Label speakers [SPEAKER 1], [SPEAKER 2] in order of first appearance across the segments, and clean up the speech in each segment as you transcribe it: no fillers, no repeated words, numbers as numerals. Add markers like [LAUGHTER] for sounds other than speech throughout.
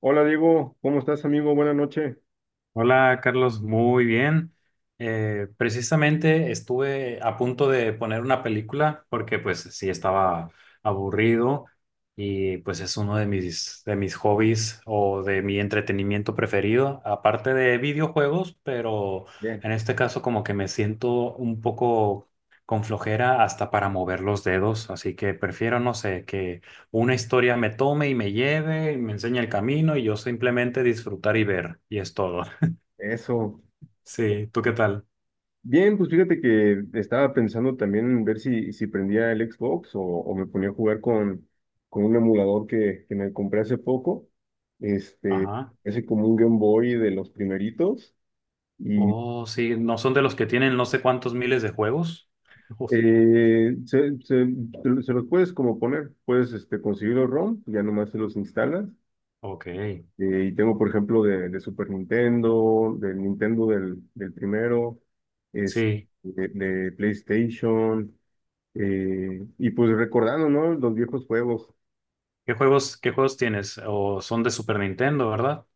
[SPEAKER 1] Hola Diego, ¿cómo estás amigo? Buenas noches.
[SPEAKER 2] Hola Carlos, muy bien. Precisamente estuve a punto de poner una película porque pues sí estaba aburrido y pues es uno de mis hobbies o de mi entretenimiento preferido, aparte de videojuegos, pero
[SPEAKER 1] Bien,
[SPEAKER 2] en este caso como que me siento un poco con flojera hasta para mover los dedos, así que prefiero, no sé, que una historia me tome y me lleve, y me enseñe el camino y yo simplemente disfrutar y ver, y es todo.
[SPEAKER 1] eso.
[SPEAKER 2] Sí, ¿tú qué tal?
[SPEAKER 1] Bien, pues fíjate que estaba pensando también en ver si prendía el Xbox o me ponía a jugar con un emulador que me compré hace poco. Este,
[SPEAKER 2] Ajá.
[SPEAKER 1] ese como un Game Boy de los primeritos. Y
[SPEAKER 2] Oh, sí, no son de los que tienen no sé cuántos miles de juegos. Uf,
[SPEAKER 1] eh, se, se- se los puedes como poner, puedes este, conseguir los ROM, ya nomás se los instalas.
[SPEAKER 2] ok,
[SPEAKER 1] Y tengo, por ejemplo, de Super Nintendo, del Nintendo del primero, es
[SPEAKER 2] sí.
[SPEAKER 1] de PlayStation, y pues recordando, ¿no? Los viejos juegos.
[SPEAKER 2] Qué juegos tienes? O son de Super Nintendo, ¿verdad?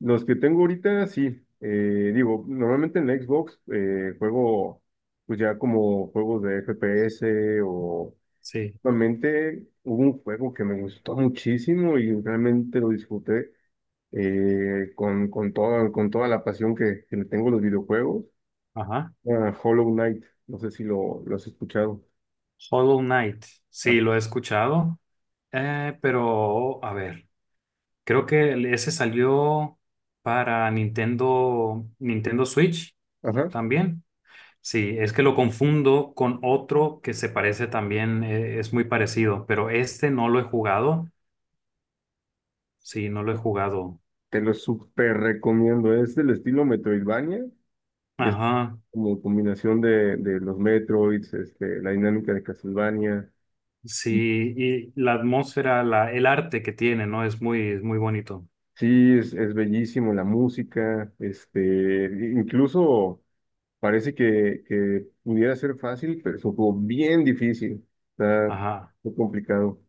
[SPEAKER 1] Los que tengo ahorita, sí. Digo, normalmente en la Xbox juego, pues ya como juegos de FPS o...
[SPEAKER 2] Sí.
[SPEAKER 1] Realmente hubo un juego que me gustó muchísimo y realmente lo disfruté con toda la pasión que le tengo a los videojuegos.
[SPEAKER 2] Ajá.
[SPEAKER 1] Ah, Hollow Knight, no sé si lo has escuchado.
[SPEAKER 2] Hollow Knight.
[SPEAKER 1] Ah,
[SPEAKER 2] Sí, lo he escuchado. Pero, a ver, creo que ese salió para Nintendo, Nintendo Switch
[SPEAKER 1] ajá.
[SPEAKER 2] también. Sí, es que lo confundo con otro que se parece también, es muy parecido, pero este no lo he jugado. Sí, no lo he jugado.
[SPEAKER 1] Te lo súper recomiendo. Es del estilo Metroidvania, y es
[SPEAKER 2] Ajá,
[SPEAKER 1] como combinación de los Metroids, este, la dinámica de Castlevania.
[SPEAKER 2] sí, y la atmósfera, la, el arte que tiene, ¿no? Es muy bonito.
[SPEAKER 1] Sí, es bellísimo la música, este, incluso parece que pudiera ser fácil, pero es un juego bien difícil, está
[SPEAKER 2] Ajá,
[SPEAKER 1] muy complicado.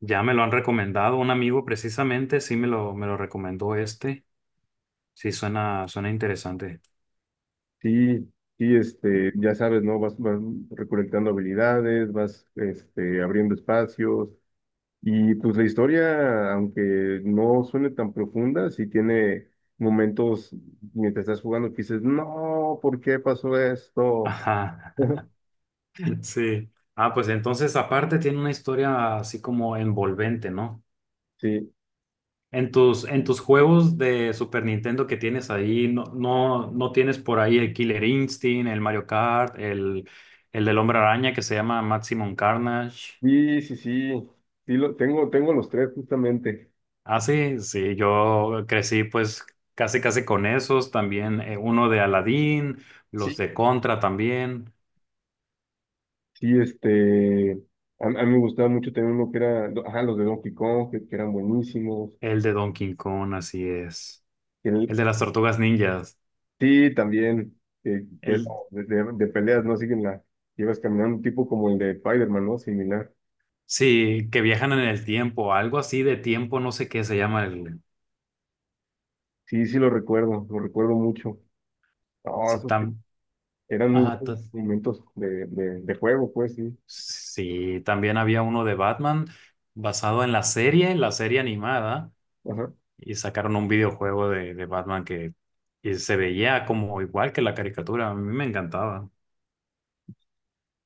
[SPEAKER 2] ya me lo han recomendado, un amigo precisamente, sí me lo recomendó este. Sí, suena, suena interesante.
[SPEAKER 1] Sí, sí, este, ya sabes, ¿no? Vas recolectando habilidades, vas, este, abriendo espacios y pues la historia, aunque no suene tan profunda, sí tiene momentos mientras estás jugando que dices, no, ¿por qué pasó esto?
[SPEAKER 2] Ajá,
[SPEAKER 1] [LAUGHS]
[SPEAKER 2] [LAUGHS] sí. Ah, pues entonces aparte tiene una historia así como envolvente, ¿no?
[SPEAKER 1] Sí,
[SPEAKER 2] En tus juegos de Super Nintendo que tienes ahí, no, no, no tienes por ahí el Killer Instinct, el Mario Kart, el del Hombre Araña que se llama Maximum Carnage.
[SPEAKER 1] sí, sí, sí, sí, lo, tengo, tengo los tres justamente.
[SPEAKER 2] Ah, sí, sí, yo crecí pues casi casi con esos, también uno de Aladdin, los
[SPEAKER 1] Sí.
[SPEAKER 2] de Contra también,
[SPEAKER 1] Sí, este, a mí me gustaba mucho también uno que era, ajá, los de Donkey Kong, que eran buenísimos,
[SPEAKER 2] el de Donkey Kong, así es, el
[SPEAKER 1] que,
[SPEAKER 2] de las Tortugas Ninjas,
[SPEAKER 1] sí, también, que
[SPEAKER 2] el,
[SPEAKER 1] de peleas, ¿no? Siguen la, llevas caminando un tipo como el de Spider-Man, ¿no? Similar.
[SPEAKER 2] sí, que viajan en el tiempo, algo así de tiempo, no sé qué se llama el...
[SPEAKER 1] Sí, sí lo recuerdo mucho. No,
[SPEAKER 2] Sí,
[SPEAKER 1] esos te-
[SPEAKER 2] tam,
[SPEAKER 1] eran muy
[SPEAKER 2] ajá,
[SPEAKER 1] buenos
[SPEAKER 2] ta-
[SPEAKER 1] momentos de juego, pues, sí.
[SPEAKER 2] Sí, también había uno de Batman basado en la serie animada,
[SPEAKER 1] Ajá.
[SPEAKER 2] y sacaron un videojuego de Batman que y se veía como igual que la caricatura. A mí me encantaba.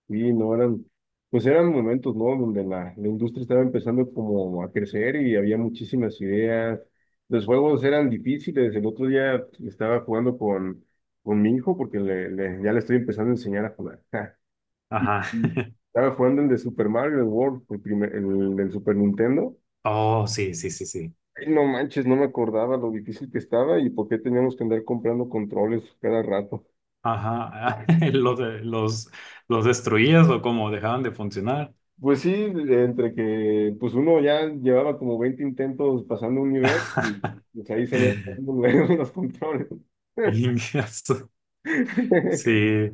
[SPEAKER 1] Sí, no eran, pues eran momentos, ¿no? Donde la industria estaba empezando como a crecer y había muchísimas ideas. Los juegos eran difíciles. El otro día estaba jugando con mi hijo porque ya le estoy empezando a enseñar a jugar. [LAUGHS] Y,
[SPEAKER 2] Ajá.
[SPEAKER 1] y,
[SPEAKER 2] [LAUGHS]
[SPEAKER 1] estaba jugando el de Super Mario World, el del Super Nintendo.
[SPEAKER 2] Oh, sí, sí, sí, sí.
[SPEAKER 1] Ay, no manches, no me acordaba lo difícil que estaba y por qué teníamos que andar comprando controles cada rato.
[SPEAKER 2] Ajá. [LAUGHS] Los, de- los destruías o como dejaban de funcionar.
[SPEAKER 1] Pues sí, entre que pues uno ya llevaba como 20 intentos pasando un nivel y
[SPEAKER 2] [LAUGHS]
[SPEAKER 1] pues ahí salían [LAUGHS] los controles.
[SPEAKER 2] Ingazo.
[SPEAKER 1] [LAUGHS]
[SPEAKER 2] Sí.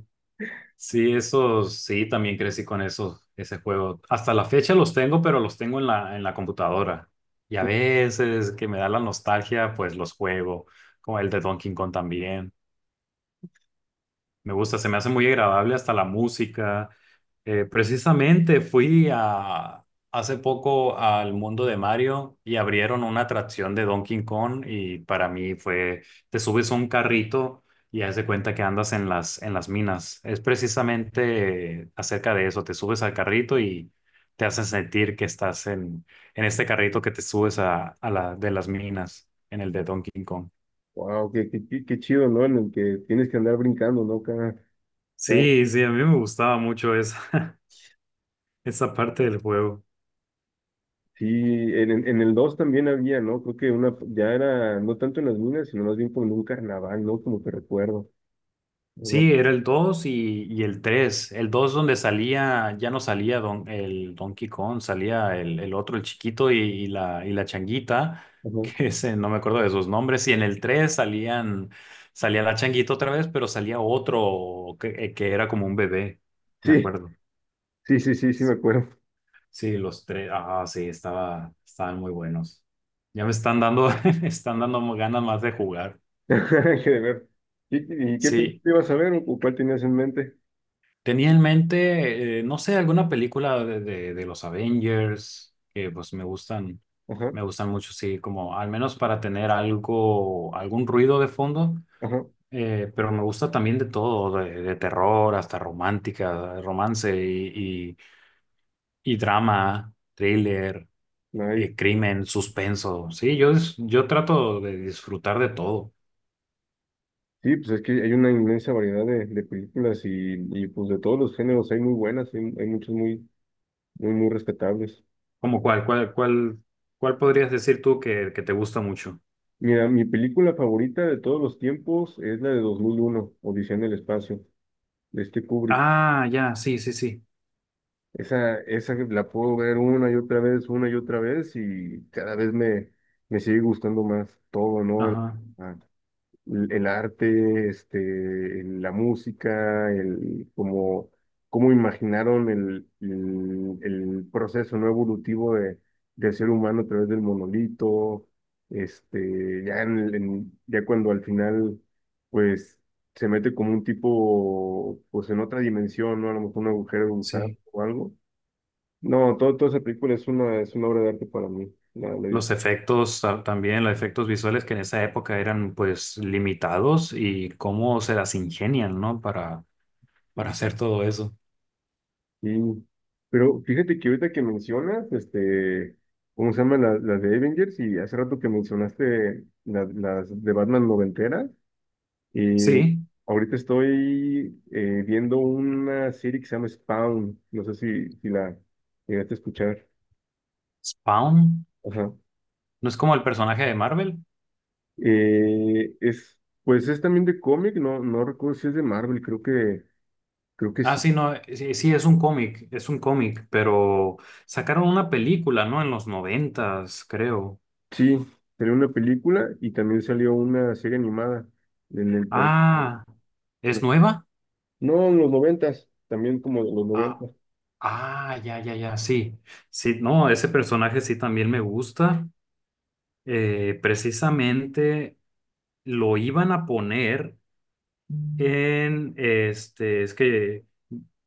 [SPEAKER 2] Sí, esos, sí, también crecí con esos, ese juego. Hasta la fecha los tengo, pero los tengo en la computadora. Y a veces que me da la nostalgia, pues los juego, como el de Donkey Kong también. Me gusta, se me hace muy agradable hasta la música. Precisamente fui a, hace poco al mundo de Mario y abrieron una atracción de Donkey Kong y para mí fue, te subes a un carrito y haz de cuenta que andas en las minas. Es precisamente acerca de eso, te subes al carrito y te hacen sentir que estás en este carrito que te subes a la de las minas, en el de Donkey Kong.
[SPEAKER 1] Wow, qué chido, ¿no? En el que tienes que andar brincando, ¿no? Cada, cada
[SPEAKER 2] Sí, sí, a mí me gustaba mucho esa, [LAUGHS] esa parte del juego.
[SPEAKER 1] sí, en, en el 2 también había, ¿no? Creo que una, ya era, no tanto en las minas, sino más bien como en un carnaval, ¿no? Como que recuerdo. Ajá,
[SPEAKER 2] Sí, era el 2 y el 3. El 2 donde salía, ya no salía don, el Donkey Kong, salía el otro, el chiquito y la changuita, [LAUGHS]
[SPEAKER 1] ajá.
[SPEAKER 2] que ese, no me acuerdo de sus nombres. Y en el 3 salían, salía la changuita otra vez, pero salía otro que era como un bebé, me
[SPEAKER 1] Sí,
[SPEAKER 2] acuerdo.
[SPEAKER 1] sí, sí, sí, sí, me acuerdo.
[SPEAKER 2] Sí, los tres, ah, sí, estaba, estaban muy buenos. Ya me están dando, [LAUGHS] me están dando ganas más de jugar.
[SPEAKER 1] [LAUGHS] Qué de ver. Y qué
[SPEAKER 2] Sí,
[SPEAKER 1] película ibas a ver o cuál tenías en mente?
[SPEAKER 2] tenía en mente, no sé, alguna película de los Avengers, que pues
[SPEAKER 1] Ajá,
[SPEAKER 2] me gustan mucho, sí, como al menos para tener algo, algún ruido de fondo,
[SPEAKER 1] ajá.
[SPEAKER 2] pero me gusta también de todo, de terror hasta romántica, romance y drama, thriller,
[SPEAKER 1] Nice.
[SPEAKER 2] crimen, suspenso, sí, yo, es- yo trato de disfrutar de todo.
[SPEAKER 1] Sí, pues es que hay una inmensa variedad de películas y pues de todos los géneros hay muy buenas, hay muchas muy, muy, muy rescatables.
[SPEAKER 2] ¿Cómo cuál, cuál, cuál, cuál podrías decir tú que te gusta mucho?
[SPEAKER 1] Mira, mi película favorita de todos los tiempos es la de 2001, Odisea en el espacio, de este Kubrick.
[SPEAKER 2] Ah, ya, sí, sí, sí,
[SPEAKER 1] Esa la puedo ver una y otra vez, una y otra vez, y cada vez me, me sigue gustando más todo, ¿no? El,
[SPEAKER 2] ajá.
[SPEAKER 1] ah, el arte, este, la música, el cómo, cómo imaginaron el proceso no evolutivo de, del ser humano a través del monolito, este, ya en, ya cuando al final, pues, se mete como un tipo, pues en otra dimensión, ¿no? A lo mejor un agujero de gusano
[SPEAKER 2] Sí,
[SPEAKER 1] o algo no, todo, toda esa película es una obra de arte para mí.
[SPEAKER 2] los efectos ta- también, los efectos visuales que en esa época eran pues limitados y cómo se las ingenian, ¿no? Para hacer todo eso.
[SPEAKER 1] Y- pero fíjate que ahorita que mencionas, este, ¿cómo se llama? Las de Avengers y hace rato que mencionaste las de Batman noventeras y
[SPEAKER 2] Sí,
[SPEAKER 1] ahorita estoy viendo una serie que se llama Spawn, no sé si, si la llegaste a escuchar.
[SPEAKER 2] Spawn,
[SPEAKER 1] Ajá.
[SPEAKER 2] ¿no es como el personaje de Marvel?
[SPEAKER 1] Es, pues es también de cómic, no, no recuerdo si es de Marvel, creo que
[SPEAKER 2] Ah,
[SPEAKER 1] sí.
[SPEAKER 2] sí, no, sí, sí, es un cómic, pero sacaron una película, ¿no? En los noventas, creo.
[SPEAKER 1] Sí, salió una película y también salió una serie animada en el por
[SPEAKER 2] Ah,
[SPEAKER 1] no,
[SPEAKER 2] ¿es nueva?
[SPEAKER 1] no, en los noventas, también como de los
[SPEAKER 2] Ah,
[SPEAKER 1] noventas.
[SPEAKER 2] ah, ya, ya, ya, sí. Sí, no, ese personaje sí también me gusta. Precisamente lo iban a poner en, este, es que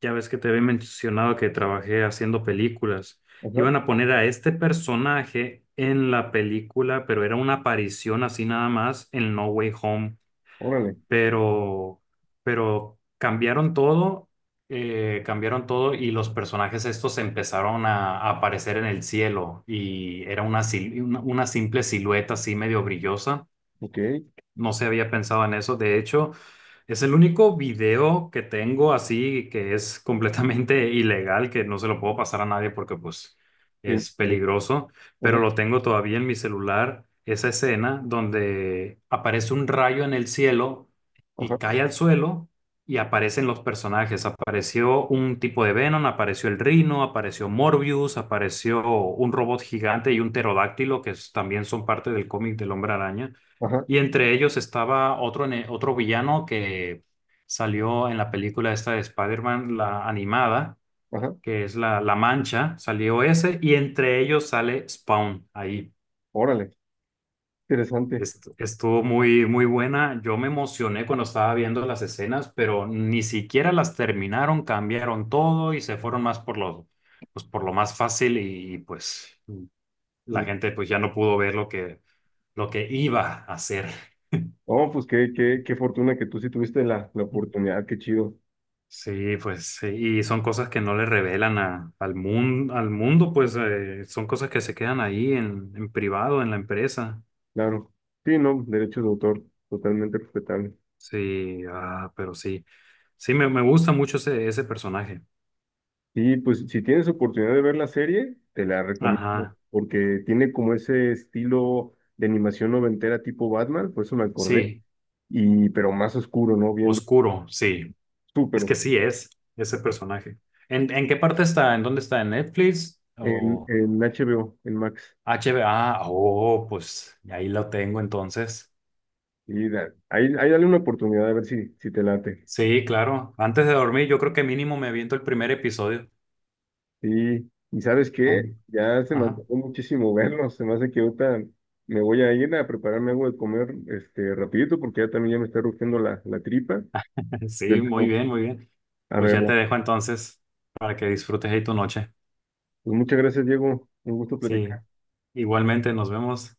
[SPEAKER 2] ya ves que te había mencionado que trabajé haciendo películas,
[SPEAKER 1] Ajá,
[SPEAKER 2] iban a poner a este personaje en la película, pero era una aparición así nada más en No Way Home,
[SPEAKER 1] órale,
[SPEAKER 2] pero, pero cambiaron todo. Cambiaron todo y los personajes estos empezaron a aparecer en el cielo y era una, sil- una simple silueta así medio brillosa,
[SPEAKER 1] ok,
[SPEAKER 2] no se había pensado en eso. De hecho, es el único video que tengo así que es completamente [LAUGHS] ilegal, que no se lo puedo pasar a nadie porque pues
[SPEAKER 1] bien,
[SPEAKER 2] es
[SPEAKER 1] bueno,
[SPEAKER 2] peligroso, pero
[SPEAKER 1] ajá,
[SPEAKER 2] lo tengo todavía en mi celular, esa escena donde aparece un rayo en el cielo y
[SPEAKER 1] ajá,
[SPEAKER 2] cae al suelo y aparecen los personajes. Apareció un tipo de Venom, apareció el Rhino, apareció Morbius, apareció un robot gigante y un pterodáctilo que es- también son parte del cómic del Hombre Araña.
[SPEAKER 1] ajá,
[SPEAKER 2] Y entre ellos estaba otro, ne- otro villano que salió en la película esta de Spider-Man, la animada,
[SPEAKER 1] ajá,
[SPEAKER 2] que es la, la Mancha, salió ese, y entre ellos sale Spawn ahí.
[SPEAKER 1] órale, interesante.
[SPEAKER 2] Est- Estuvo muy, muy buena. Yo me emocioné cuando estaba viendo las escenas, pero ni siquiera las terminaron, cambiaron todo y se fueron más por lo, pues por lo más fácil y, pues la
[SPEAKER 1] Y-
[SPEAKER 2] gente pues ya no pudo ver lo que iba a hacer.
[SPEAKER 1] Oh, pues qué, qué, qué fortuna que tú sí tuviste la oportunidad, qué chido,
[SPEAKER 2] Sí, pues, sí, y son cosas que no le revelan a- al mundo, pues son cosas que se quedan ahí en privado, en la empresa.
[SPEAKER 1] claro. Sí, no, derechos de autor, totalmente respetable.
[SPEAKER 2] Sí, ah, pero sí, sí, me gusta mucho ese, ese personaje.
[SPEAKER 1] Y pues si tienes oportunidad de ver la serie, te la recomiendo
[SPEAKER 2] Ajá,
[SPEAKER 1] porque tiene como ese estilo de animación noventera tipo Batman, por eso me acordé,
[SPEAKER 2] sí,
[SPEAKER 1] y pero más oscuro, ¿no? Bien,
[SPEAKER 2] oscuro, sí,
[SPEAKER 1] súper
[SPEAKER 2] es que
[SPEAKER 1] oscuro,
[SPEAKER 2] sí es ese personaje. En qué parte está? ¿En dónde está? ¿En Netflix o
[SPEAKER 1] en HBO, en Max.
[SPEAKER 2] H HBO? Ah, oh, pues ahí lo tengo entonces.
[SPEAKER 1] Ahí, ahí dale una oportunidad a ver si, si te late.
[SPEAKER 2] Sí, claro, antes de dormir yo creo que mínimo me aviento el primer episodio.
[SPEAKER 1] Sí, y ¿sabes qué?
[SPEAKER 2] Aun-
[SPEAKER 1] Ya se me
[SPEAKER 2] Ajá.
[SPEAKER 1] antojó muchísimo [LAUGHS] verlo, se me hace que ahorita me voy a ir a prepararme algo de comer este rapidito porque ya también ya me está rugiendo la, la tripa.
[SPEAKER 2] [LAUGHS] Sí,
[SPEAKER 1] Pero,
[SPEAKER 2] muy bien, muy bien.
[SPEAKER 1] a
[SPEAKER 2] Pues ya te
[SPEAKER 1] verlo.
[SPEAKER 2] dejo entonces para que disfrutes ahí tu noche.
[SPEAKER 1] Pues muchas gracias, Diego. Un gusto
[SPEAKER 2] Sí,
[SPEAKER 1] platicar.
[SPEAKER 2] igualmente nos vemos.